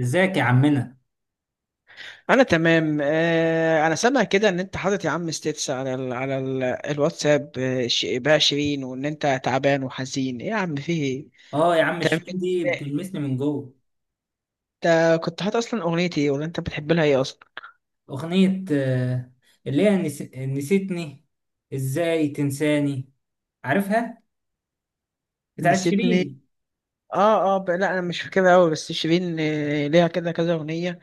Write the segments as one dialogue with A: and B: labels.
A: ازيك يا عمنا؟
B: انا تمام. انا سامع كده ان انت حاطط يا عم ستيتس على ال على ال الواتساب، بقى شيرين، وان انت تعبان وحزين، ايه يا عم، في ايه؟
A: اه، يا عم
B: تمام.
A: شيرين دي بتلمسني من جوه.
B: انت كنت حاطط اصلا اغنيتي ايه، ولا انت بتحب لها ايه اصلا؟
A: اغنية اللي هي نسيتني. ازاي تنساني؟ عارفها. بتاعت
B: نسيتني.
A: شيرين.
B: اه، اه، لا، انا مش فاكرها قوي، بس شيرين، ليها كده كذا اغنيه.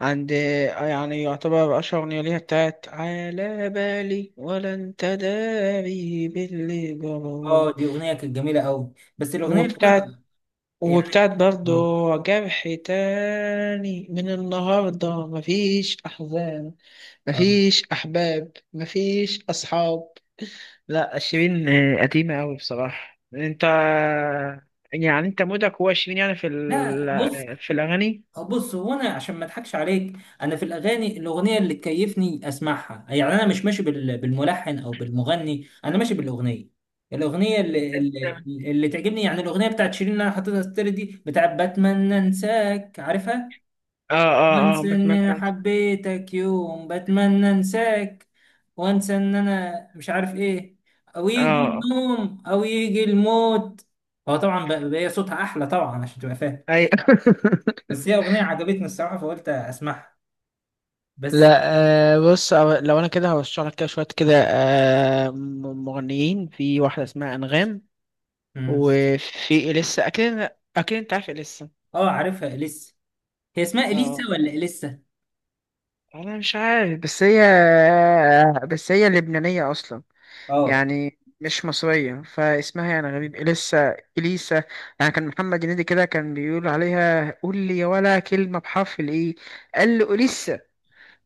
B: عند آه، يعني يعتبر اشهر اغنيه ليها بتاعت على بالي، ولا انت داري باللي
A: اه،
B: جرالي.
A: دي اغنية كانت جميلة قوي، بس الاغنية اللي
B: وبتاعت
A: انا يعني
B: وبتاعت برضو،
A: اه
B: جرح تاني، من النهاردة مفيش أحزان،
A: آه.
B: مفيش أحباب، مفيش أصحاب. لا، شيرين قديمة أوي بصراحة، أنت، يعني أنت مودك هو شيرين يعني في
A: لا، بص.
B: في الأغاني.
A: بص، هو انا عشان ما اضحكش عليك، انا في الاغاني الاغنيه اللي تكيفني اسمعها. يعني انا مش ماشي بالملحن او بالمغني، انا ماشي بالاغنيه. الاغنيه اللي اللي تعجبني، يعني الاغنيه بتاعت شيرين اللي انا حاططها ستوري دي بتاعت بتمنى انساك، عارفها.
B: اه، اه، اه،
A: وانسى ان
B: بتمنى
A: انا
B: أنسى.
A: حبيتك يوم، بتمنى انساك، وانسى ان انا مش عارف ايه، او
B: اه،
A: يجي
B: آه.
A: النوم او يجي الموت. هو طبعا بقى صوتها احلى طبعا، عشان تبقى فاهم.
B: أي
A: بس هي أغنية عجبتني الصراحة فقلت أسمعها بس.
B: لا، بص، لو أنا كده هرشح لك كده شوية كده، مغنيين، في واحدة اسمها أنغام،
A: مم.
B: وفي إليسا أكيد. أكيد أنت عارف إليسا.
A: اه، عارفها إليسا. هي اسمها إليسا
B: اه،
A: ولا إليسا؟
B: أنا مش عارف، بس هي لبنانية أصلا.
A: اه،
B: يعني مش مصرية، فاسمها يعني غريب، إليسا، إليسا. يعني كان محمد هنيدي كده كان بيقول عليها، قول لي يا ولا كلمة بحرف الإيه، قال له إليسا.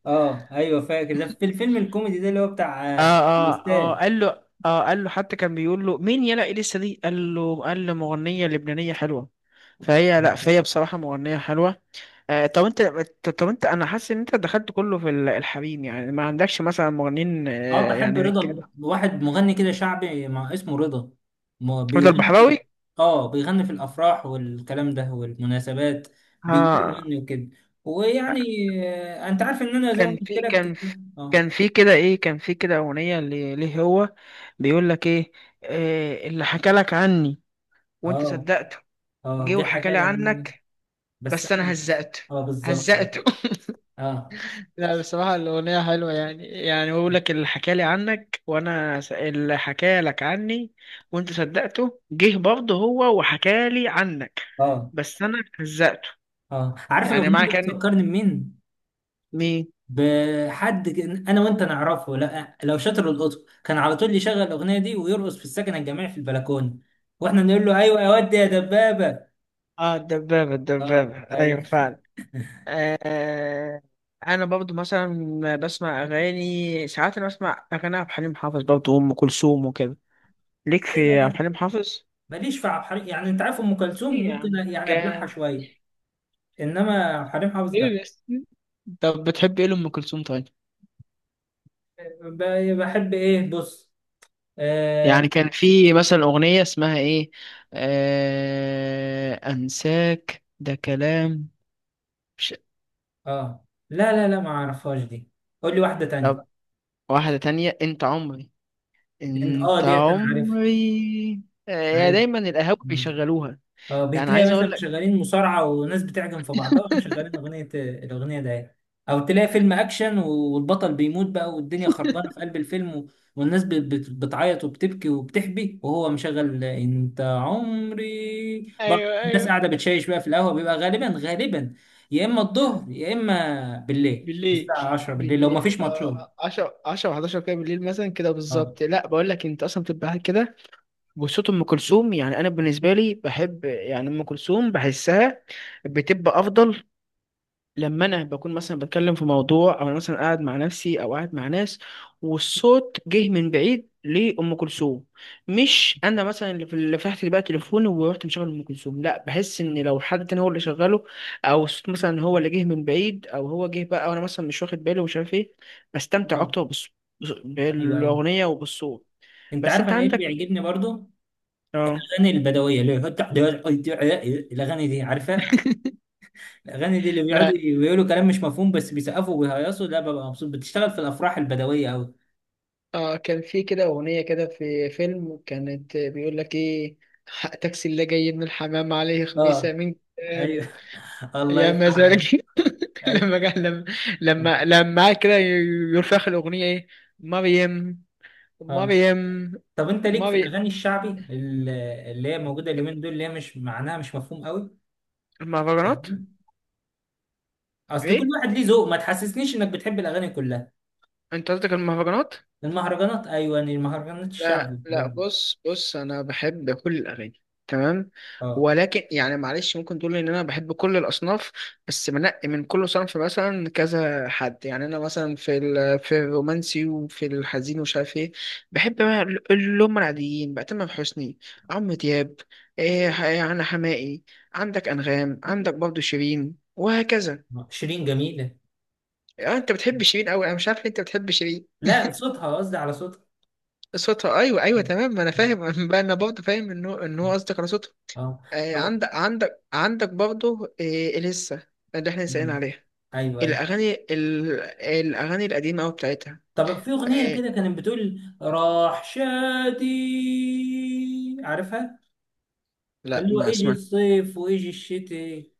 A: اه، ايوه، فاكر ده في الفيلم الكوميدي ده اللي هو بتاع
B: اه، اه، اه،
A: الأستاذ.
B: قال له. اه، قال له، حتى كان بيقول له، مين يلا إليسا دي، قال له، قال له مغنية لبنانية حلوة. فهي، لا،
A: مم.
B: فهي بصراحة مغنية حلوة. طب انت، انا حاسس ان انت دخلت كله في الحريم، يعني ما عندكش مثلا مغنيين،
A: اه، بحب
B: يعني
A: رضا،
B: رجاله؟
A: واحد مغني كده شعبي، مع اسمه رضا. ما
B: رضا
A: بيغني في.
B: البحراوي.
A: اه، بيغني في الافراح والكلام ده والمناسبات، بيجيبوه
B: آه،
A: يغني وكده. ويعني انت عارف ان انا زي ما
B: كان
A: قلت
B: في كان
A: لك.
B: في
A: اه،
B: كان في كده ايه، كان في كده اغنيه ليه، هو بيقول لك ايه، اللي حكى لك عني، وانت
A: اه،
B: صدقته،
A: اه،
B: جه
A: جه
B: وحكى
A: حكى
B: لي
A: لي عن.
B: عنك،
A: بس
B: بس انا
A: انا.
B: هزقته.
A: اه بالظبط.
B: هزقته.
A: اه،
B: لا، بصراحة الأغنية حلوة. يعني، يعني بقول لك اللي حكالي عنك، اللي حكالك عني، وأنت صدقته، جه برضه هو وحكالي عنك،
A: اه،
B: بس أنا هزقته.
A: اه، عارف
B: يعني
A: الاغنيه
B: معنى
A: دي
B: كان.
A: بتفكرني بمين.
B: مين؟
A: بحد انا وانت نعرفه. لا، لو شاطر القطب كان على طول يشغل الاغنيه دي ويرقص في السكن الجامعي في البلكونه، واحنا نقول له ايوه يا واد يا دبابه.
B: آه، الدبابة،
A: اه
B: الدبابة،
A: ايوه.
B: أيوة فعلا. آه أنا برضه مثلا بسمع أغاني ساعات. أنا بسمع أغاني عبد الحليم حافظ برضه وأم كلثوم وكده. ليك في عبد الحليم حافظ؟
A: ماليش في عبد الحليم، يعني انت عارف ام كلثوم
B: إيه يا
A: ممكن
B: عم؟
A: يعني ابلعها
B: جاد.
A: شويه، انما عبد الحليم حافظ
B: ليه
A: لا.
B: بس؟ طب بتحب إيه لأم كلثوم طيب؟
A: بحب ايه، بص. اه,
B: يعني كان في مثلا أغنية اسمها إيه، أنساك ده كلام. مش...
A: آه. لا، لا، لا، ما اعرفهاش دي. قول لي واحده تانية.
B: طب، واحدة تانية، أنت عمري،
A: اه،
B: أنت
A: ديت انا عارف.
B: عمري. هي
A: عارف.
B: دايما القهاوي بيشغلوها.
A: اه،
B: يعني
A: بتلاقي
B: عايز
A: مثلا
B: أقول لك.
A: مشغلين مصارعة وناس بتعجن في بعضها ومشغلين أغنية الأغنية ده يعني. أو تلاقي فيلم أكشن والبطل بيموت بقى والدنيا خربانة في قلب الفيلم والناس بتعيط وبتبكي وبتحبي، وهو مشغل أنت عمري برضه،
B: أيوه،
A: الناس
B: أيوه.
A: قاعدة بتشيش بقى في القهوة، بيبقى غالبا غالبا، يا إما الظهر يا إما بالليل
B: بالليل.
A: الساعة 10 بالليل لو
B: بالليل،
A: مفيش ماتشات.
B: 10، 10، 11 كده بالليل، مثلا كده
A: اه
B: بالظبط. لا، بقول لك انت اصلا بتبقى قاعد كده، وصوت ام كلثوم يعني، انا بالنسبه لي بحب يعني ام كلثوم، بحسها بتبقى افضل، لما انا بكون مثلا بتكلم في موضوع، او انا مثلا قاعد مع نفسي، او قاعد مع ناس، والصوت جه من بعيد لام كلثوم. مش انا مثلا اللي فتحت بقى تليفوني ورحت مشغل ام كلثوم، لا، بحس ان لو حد تاني هو اللي شغله، او الصوت مثلا هو اللي جه من بعيد، او هو جه بقى وانا مثلا مش واخد بالي، ومش عارف ايه. بستمتع
A: آه.
B: اكتر.
A: ايوه ايوه.
B: بالاغنيه وبالصوت.
A: انت
B: بس
A: عارف
B: انت
A: انا ايه اللي
B: عندك.
A: بيعجبني برضو؟
B: اه،
A: الاغاني البدويه اللي هي الأغاني دي، عارفة؟ الاغاني دي اللي بيقعدوا
B: لا.
A: يقولوا كلام مش مفهوم بس بيسقفوا وبيهيصوا، ده ببقى مبسوط، بتشتغل في الافراح البدويه قوي.
B: اه، كان في كده أغنية كده في فيلم، كانت بيقول لك إيه، حق تاكسي اللي جاي من الحمام عليه خميسة
A: اه
B: من
A: ايوه
B: كام،
A: الله
B: يا
A: يفتح عليك.
B: مزاجي.
A: ايوه
B: لما جه، لما قعد كده يرفخ الأغنية إيه، مريم،
A: اه.
B: مريم،
A: طب انت ليك في
B: مريم.
A: الاغاني الشعبي اللي هي موجوده اليومين دول، اللي هي مش معناها مش مفهوم قوي؟
B: المهرجانات.
A: اصل كل
B: إيه،
A: واحد ليه ذوق، ما تحسسنيش انك بتحب الاغاني كلها.
B: أنت قصدك المهرجانات؟
A: المهرجانات ايوه، يعني المهرجانات الشعبي
B: لا،
A: والحاجات
B: لا،
A: دي.
B: بص، بص، انا بحب كل الاغاني تمام.
A: اه،
B: ولكن يعني معلش، ممكن تقول ان انا بحب كل الاصناف، بس بنقي من كل صنف مثلا كذا حد. يعني انا مثلا في في الرومانسي وفي الحزين ومش عارف ايه، بحب بقى اللي هم العاديين بقى، تامر حسني، عمرو دياب، إيه، يعني حماقي، عندك انغام، عندك برضو شيرين، وهكذا.
A: شيرين جميله.
B: انت بتحب شيرين قوي، انا مش عارف ليه انت بتحب شيرين.
A: لا، صوتها، قصدي على صوتها.
B: صوتها، ايوه، ايوه، تمام، ما انا فاهم. بقى انا برضه فاهم ان هو، ان هو قصدك على صوتها.
A: اه. طب-
B: عندك برضه، لسه اللي احنا سائلين عليها،
A: ايوه، أيوه.
B: الاغاني الاغاني القديمه قوي بتاعتها.
A: طب في أغنية كده
B: آه،
A: كانت بتقول راح شادي، عارفها؟
B: لا،
A: اللي هو
B: ما
A: اجي
B: سمعت.
A: الصيف واجي الشتاء،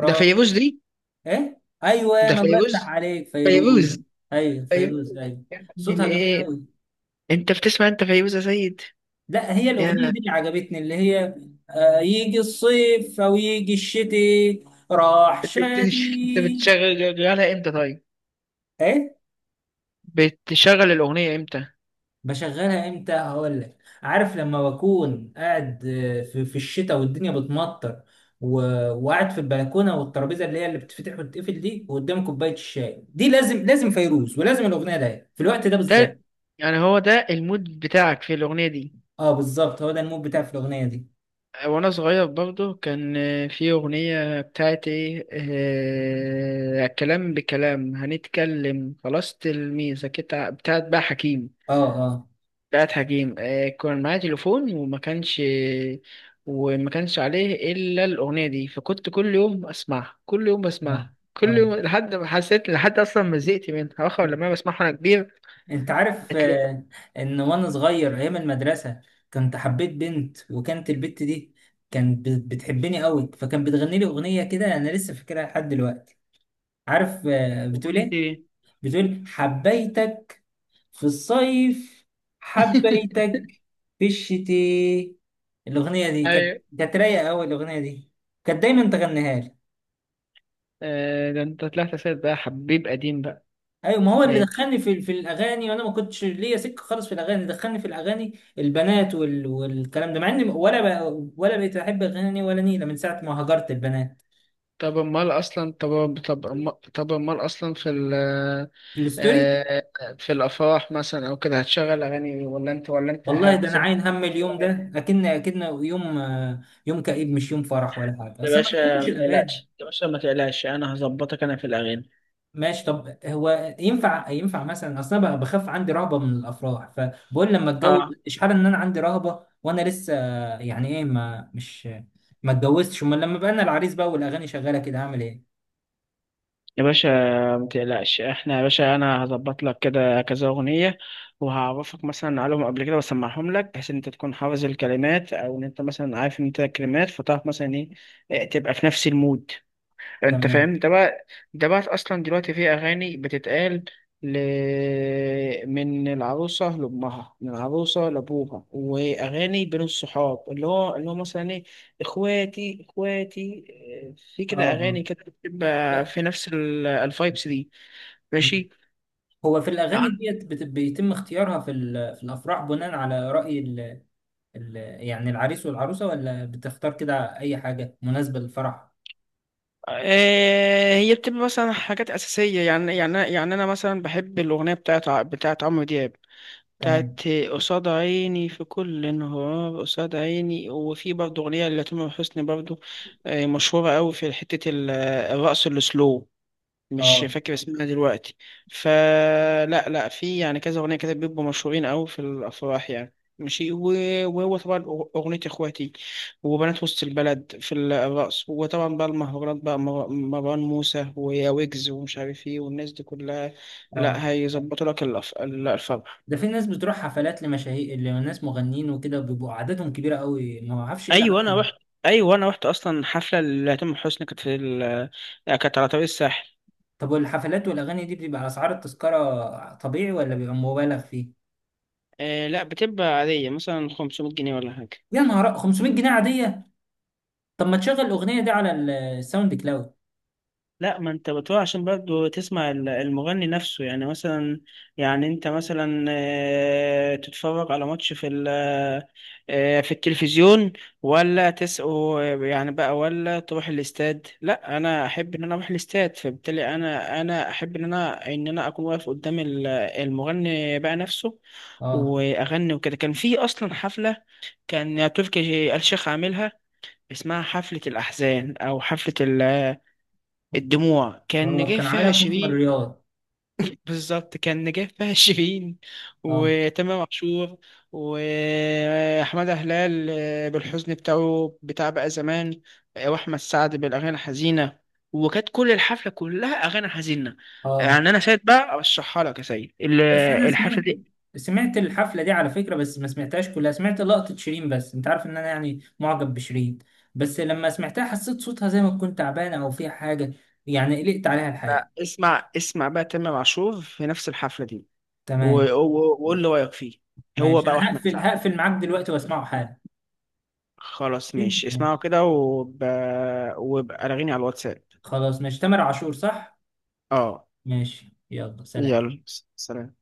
B: ده فيروز دي.
A: ايه، ايوه،
B: ده
A: انا الله يفتح
B: فيروز.
A: عليك،
B: فيروز.
A: فيروز. ايوه
B: فيروز،
A: فيروز ايوه.
B: يا ابن
A: صوتها جميل
B: الايه.
A: قوي.
B: انت بتسمع انت فيروز يا سيد؟
A: لا، هي
B: يا
A: الأغنية
B: انت.
A: دي اللي عجبتني، اللي هي يجي الصيف او يجي الشتاء، راح
B: بت-
A: شادي.
B: انت بتشغلها امتى طيب؟
A: ايه،
B: بتشغل الاغنيه امتى؟
A: بشغلها امتى، هقول لك. عارف لما بكون قاعد في الشتاء والدنيا بتمطر و... وقاعد في البلكونه والترابيزه اللي هي اللي بتفتح وتتقفل دي وقدام كوبايه الشاي دي، لازم لازم فيروز، ولازم الاغنيه ده في الوقت ده
B: ده
A: بالذات.
B: يعني، هو ده المود بتاعك في الاغنيه دي.
A: اه بالظبط، هو ده المود بتاعي في الاغنيه دي.
B: وانا صغير برضه، كان في اغنية بتاعت ايه، كلام بكلام هنتكلم خلاص، تلميذة كده بتاعت بقى حكيم.
A: اه، اه،
B: بتاعت حكيم. كان معايا تليفون وما كانش، وما كانش عليه الا الاغنية دي، فكنت كل يوم اسمعها، كل يوم
A: اه،
B: بسمعها، كل
A: اه.
B: يوم لحد ما حسيت، لحد اصلا ما زهقت منها، واخر لما أنا بسمعها وانا كبير
A: انت عارف
B: هتلاقي.
A: ان وانا صغير ايام المدرسه كنت حبيت بنت، وكانت البنت دي كانت بتحبني قوي، فكانت بتغني لي اغنيه كده انا لسه فاكرها لحد دلوقتي. عارف بتقول
B: اغنية
A: ايه؟
B: ايه؟
A: بتقول حبيتك في الصيف، حبيتك في الشتاء. الاغنيه دي كانت
B: ايوه.
A: كانت رايقه قوي الاغنيه دي، كانت دايما تغنيها لي.
B: ده انت طلعت سيد بقى، حبيب قديم بقى.
A: ايوه، ما هو اللي
B: ماشي.
A: دخلني في الاغاني، وانا ما كنتش ليا سكه خالص في الاغاني، دخلني في الاغاني البنات والكلام ده، مع اني ولا بقيت احب اغاني ولا نيله من ساعه ما هجرت البنات.
B: طب امال اصلا في ال،
A: الستوري.
B: آه، في الافراح مثلا او كده، هتشغل اغاني ولا انت، ولا انت
A: والله ده انا
B: هتسيب
A: عاين هم، اليوم
B: الاغاني؟
A: ده اكن يوم يوم كئيب، مش يوم فرح ولا حاجه،
B: يا
A: اصلا ما
B: باشا،
A: بحبش
B: ما
A: الاغاني.
B: تقلقش، يا باشا، ما تقلقش، انا هظبطك انا في الاغاني.
A: ماشي. طب هو ينفع مثلا اصلا بقى بخاف، عندي رهبه من الافراح، فبقول لما اتجوز
B: اه.
A: اشحال، ان انا عندي رهبه وانا لسه يعني ايه ما مش ما اتجوزتش، امال لما بقى انا العريس بقى والاغاني شغاله كده، هعمل ايه؟
B: يا باشا، ما تقلقش، احنا، يا باشا، انا هظبط لك كده كذا اغنيه، وهعرفك مثلا عليهم قبل كده، واسمعهم لك، بحيث ان انت تكون حافظ الكلمات، او ان انت مثلا عارف ان انت الكلمات، فتعرف مثلا ايه، إيه، تبقى في نفس المود. انت
A: تمام.
B: فاهم ده بقى؟ ده بقى اصلا دلوقتي في اغاني بتتقال، ل... من العروسه لامها، من العروسه لابوها، واغاني بين الصحاب، اللي هو مثلا ايه، اخواتي، اخواتي. في
A: اه
B: كده
A: آه.
B: اغاني كده بتبقى
A: لا،
B: في نفس الفايبس دي.
A: م.
B: ماشي.
A: هو في الاغاني
B: يعني
A: ديت بيتم اختيارها في في الافراح بناء على راي ال- يعني العريس والعروسة، ولا بتختار كده أي حاجة مناسبة للفرح؟
B: هي بتبقى مثلا حاجات اساسيه، يعني، يعني، يعني انا مثلا بحب الاغنيه بتاعت، بتاعت عمرو دياب،
A: تمام.
B: بتاعت قصاد عيني في كل انهار، قصاد عيني، وفي برضه أغنية لتامر حسني برضه، مشهورة أوي في حتة الرقص السلو، مش
A: اه
B: فاكر اسمها دلوقتي. فلا، لا، في يعني كذا أغنية كده بيبقوا مشهورين أوي في الأفراح يعني، ماشي. وهو طبعا، أغنية إخواتي، وبنات وسط البلد في الرقص، وطبعا بقى المهرجانات بقى، مروان موسى، ويا ويجز، ومش عارف إيه، والناس دي كلها،
A: اه.
B: لا، هيظبطوا لك الفرح.
A: ده في ناس بتروح حفلات لمشاهير، لناس مغنيين وكده، بيبقوا عددهم كبيرة قوي، ما اعرفش ايه
B: ايوه،
A: العدد.
B: انا رحت، ايوه، انا رحت اصلا حفله لتامر حسني، كانت في ال... كانت على طريق الساحل.
A: طب والحفلات والأغاني دي، بتبقى أسعار التذكرة طبيعي ولا بيبقى مبالغ فيه؟
B: آه، لا، بتبقى عاديه مثلا 500 جنيه ولا حاجه.
A: يا نهار 500 جنيه عادية؟ طب ما تشغل الأغنية دي على الساوند كلاود.
B: لا، ما انت بتقول عشان برضه تسمع المغني نفسه يعني، مثلا، يعني انت مثلا تتفرج على ماتش في في التلفزيون، ولا تسقه يعني بقى، ولا تروح الاستاد. لا، انا احب ان انا اروح الاستاد، فبالتالي انا، احب ان انا، اكون واقف قدام المغني بقى نفسه،
A: اه،
B: واغني وكده. كان في اصلا حفلة، كان تركي آل الشيخ عاملها، اسمها حفلة الأحزان أو حفلة الدموع، كان
A: اه،
B: نجاح
A: كان
B: فيها
A: عاملها في مخمر
B: شيرين.
A: الرياض.
B: بالظبط كان نجاح فيها شيرين،
A: اه،
B: وتامر عاشور، وأحمد هلال، بالحزن بتاعه بتاع بقى زمان، وأحمد سعد بالأغاني الحزينة، وكانت كل الحفلة كلها أغاني حزينة.
A: اه،
B: يعني أنا سيد بقى أرشحها لك يا سيد،
A: بس انا سمعت،
B: الحفلة دي.
A: سمعت الحفله دي على فكره، بس ما سمعتهاش كلها، سمعت لقطه شيرين، بس انت عارف ان انا يعني معجب بشيرين. بس لما سمعتها حسيت صوتها زي ما تكون تعبانه او فيها حاجه، يعني قلقت عليها الحقيقه.
B: بقى اسمع، اسمع بقى تامر عاشور في نفس الحفلة دي،
A: تمام
B: وقول لي رأيك فيه، هو
A: ماشي،
B: بقى،
A: انا
B: وأحمد
A: هقفل
B: سعد.
A: هقفل معاك دلوقتي واسمعه حالا.
B: خلاص ماشي، اسمعوا
A: ماشي،
B: كده، وبقى رغيني على الواتساب.
A: خلاص ماشي، تامر عاشور، صح.
B: اه،
A: ماشي، يلا سلام.
B: يلا، سلام.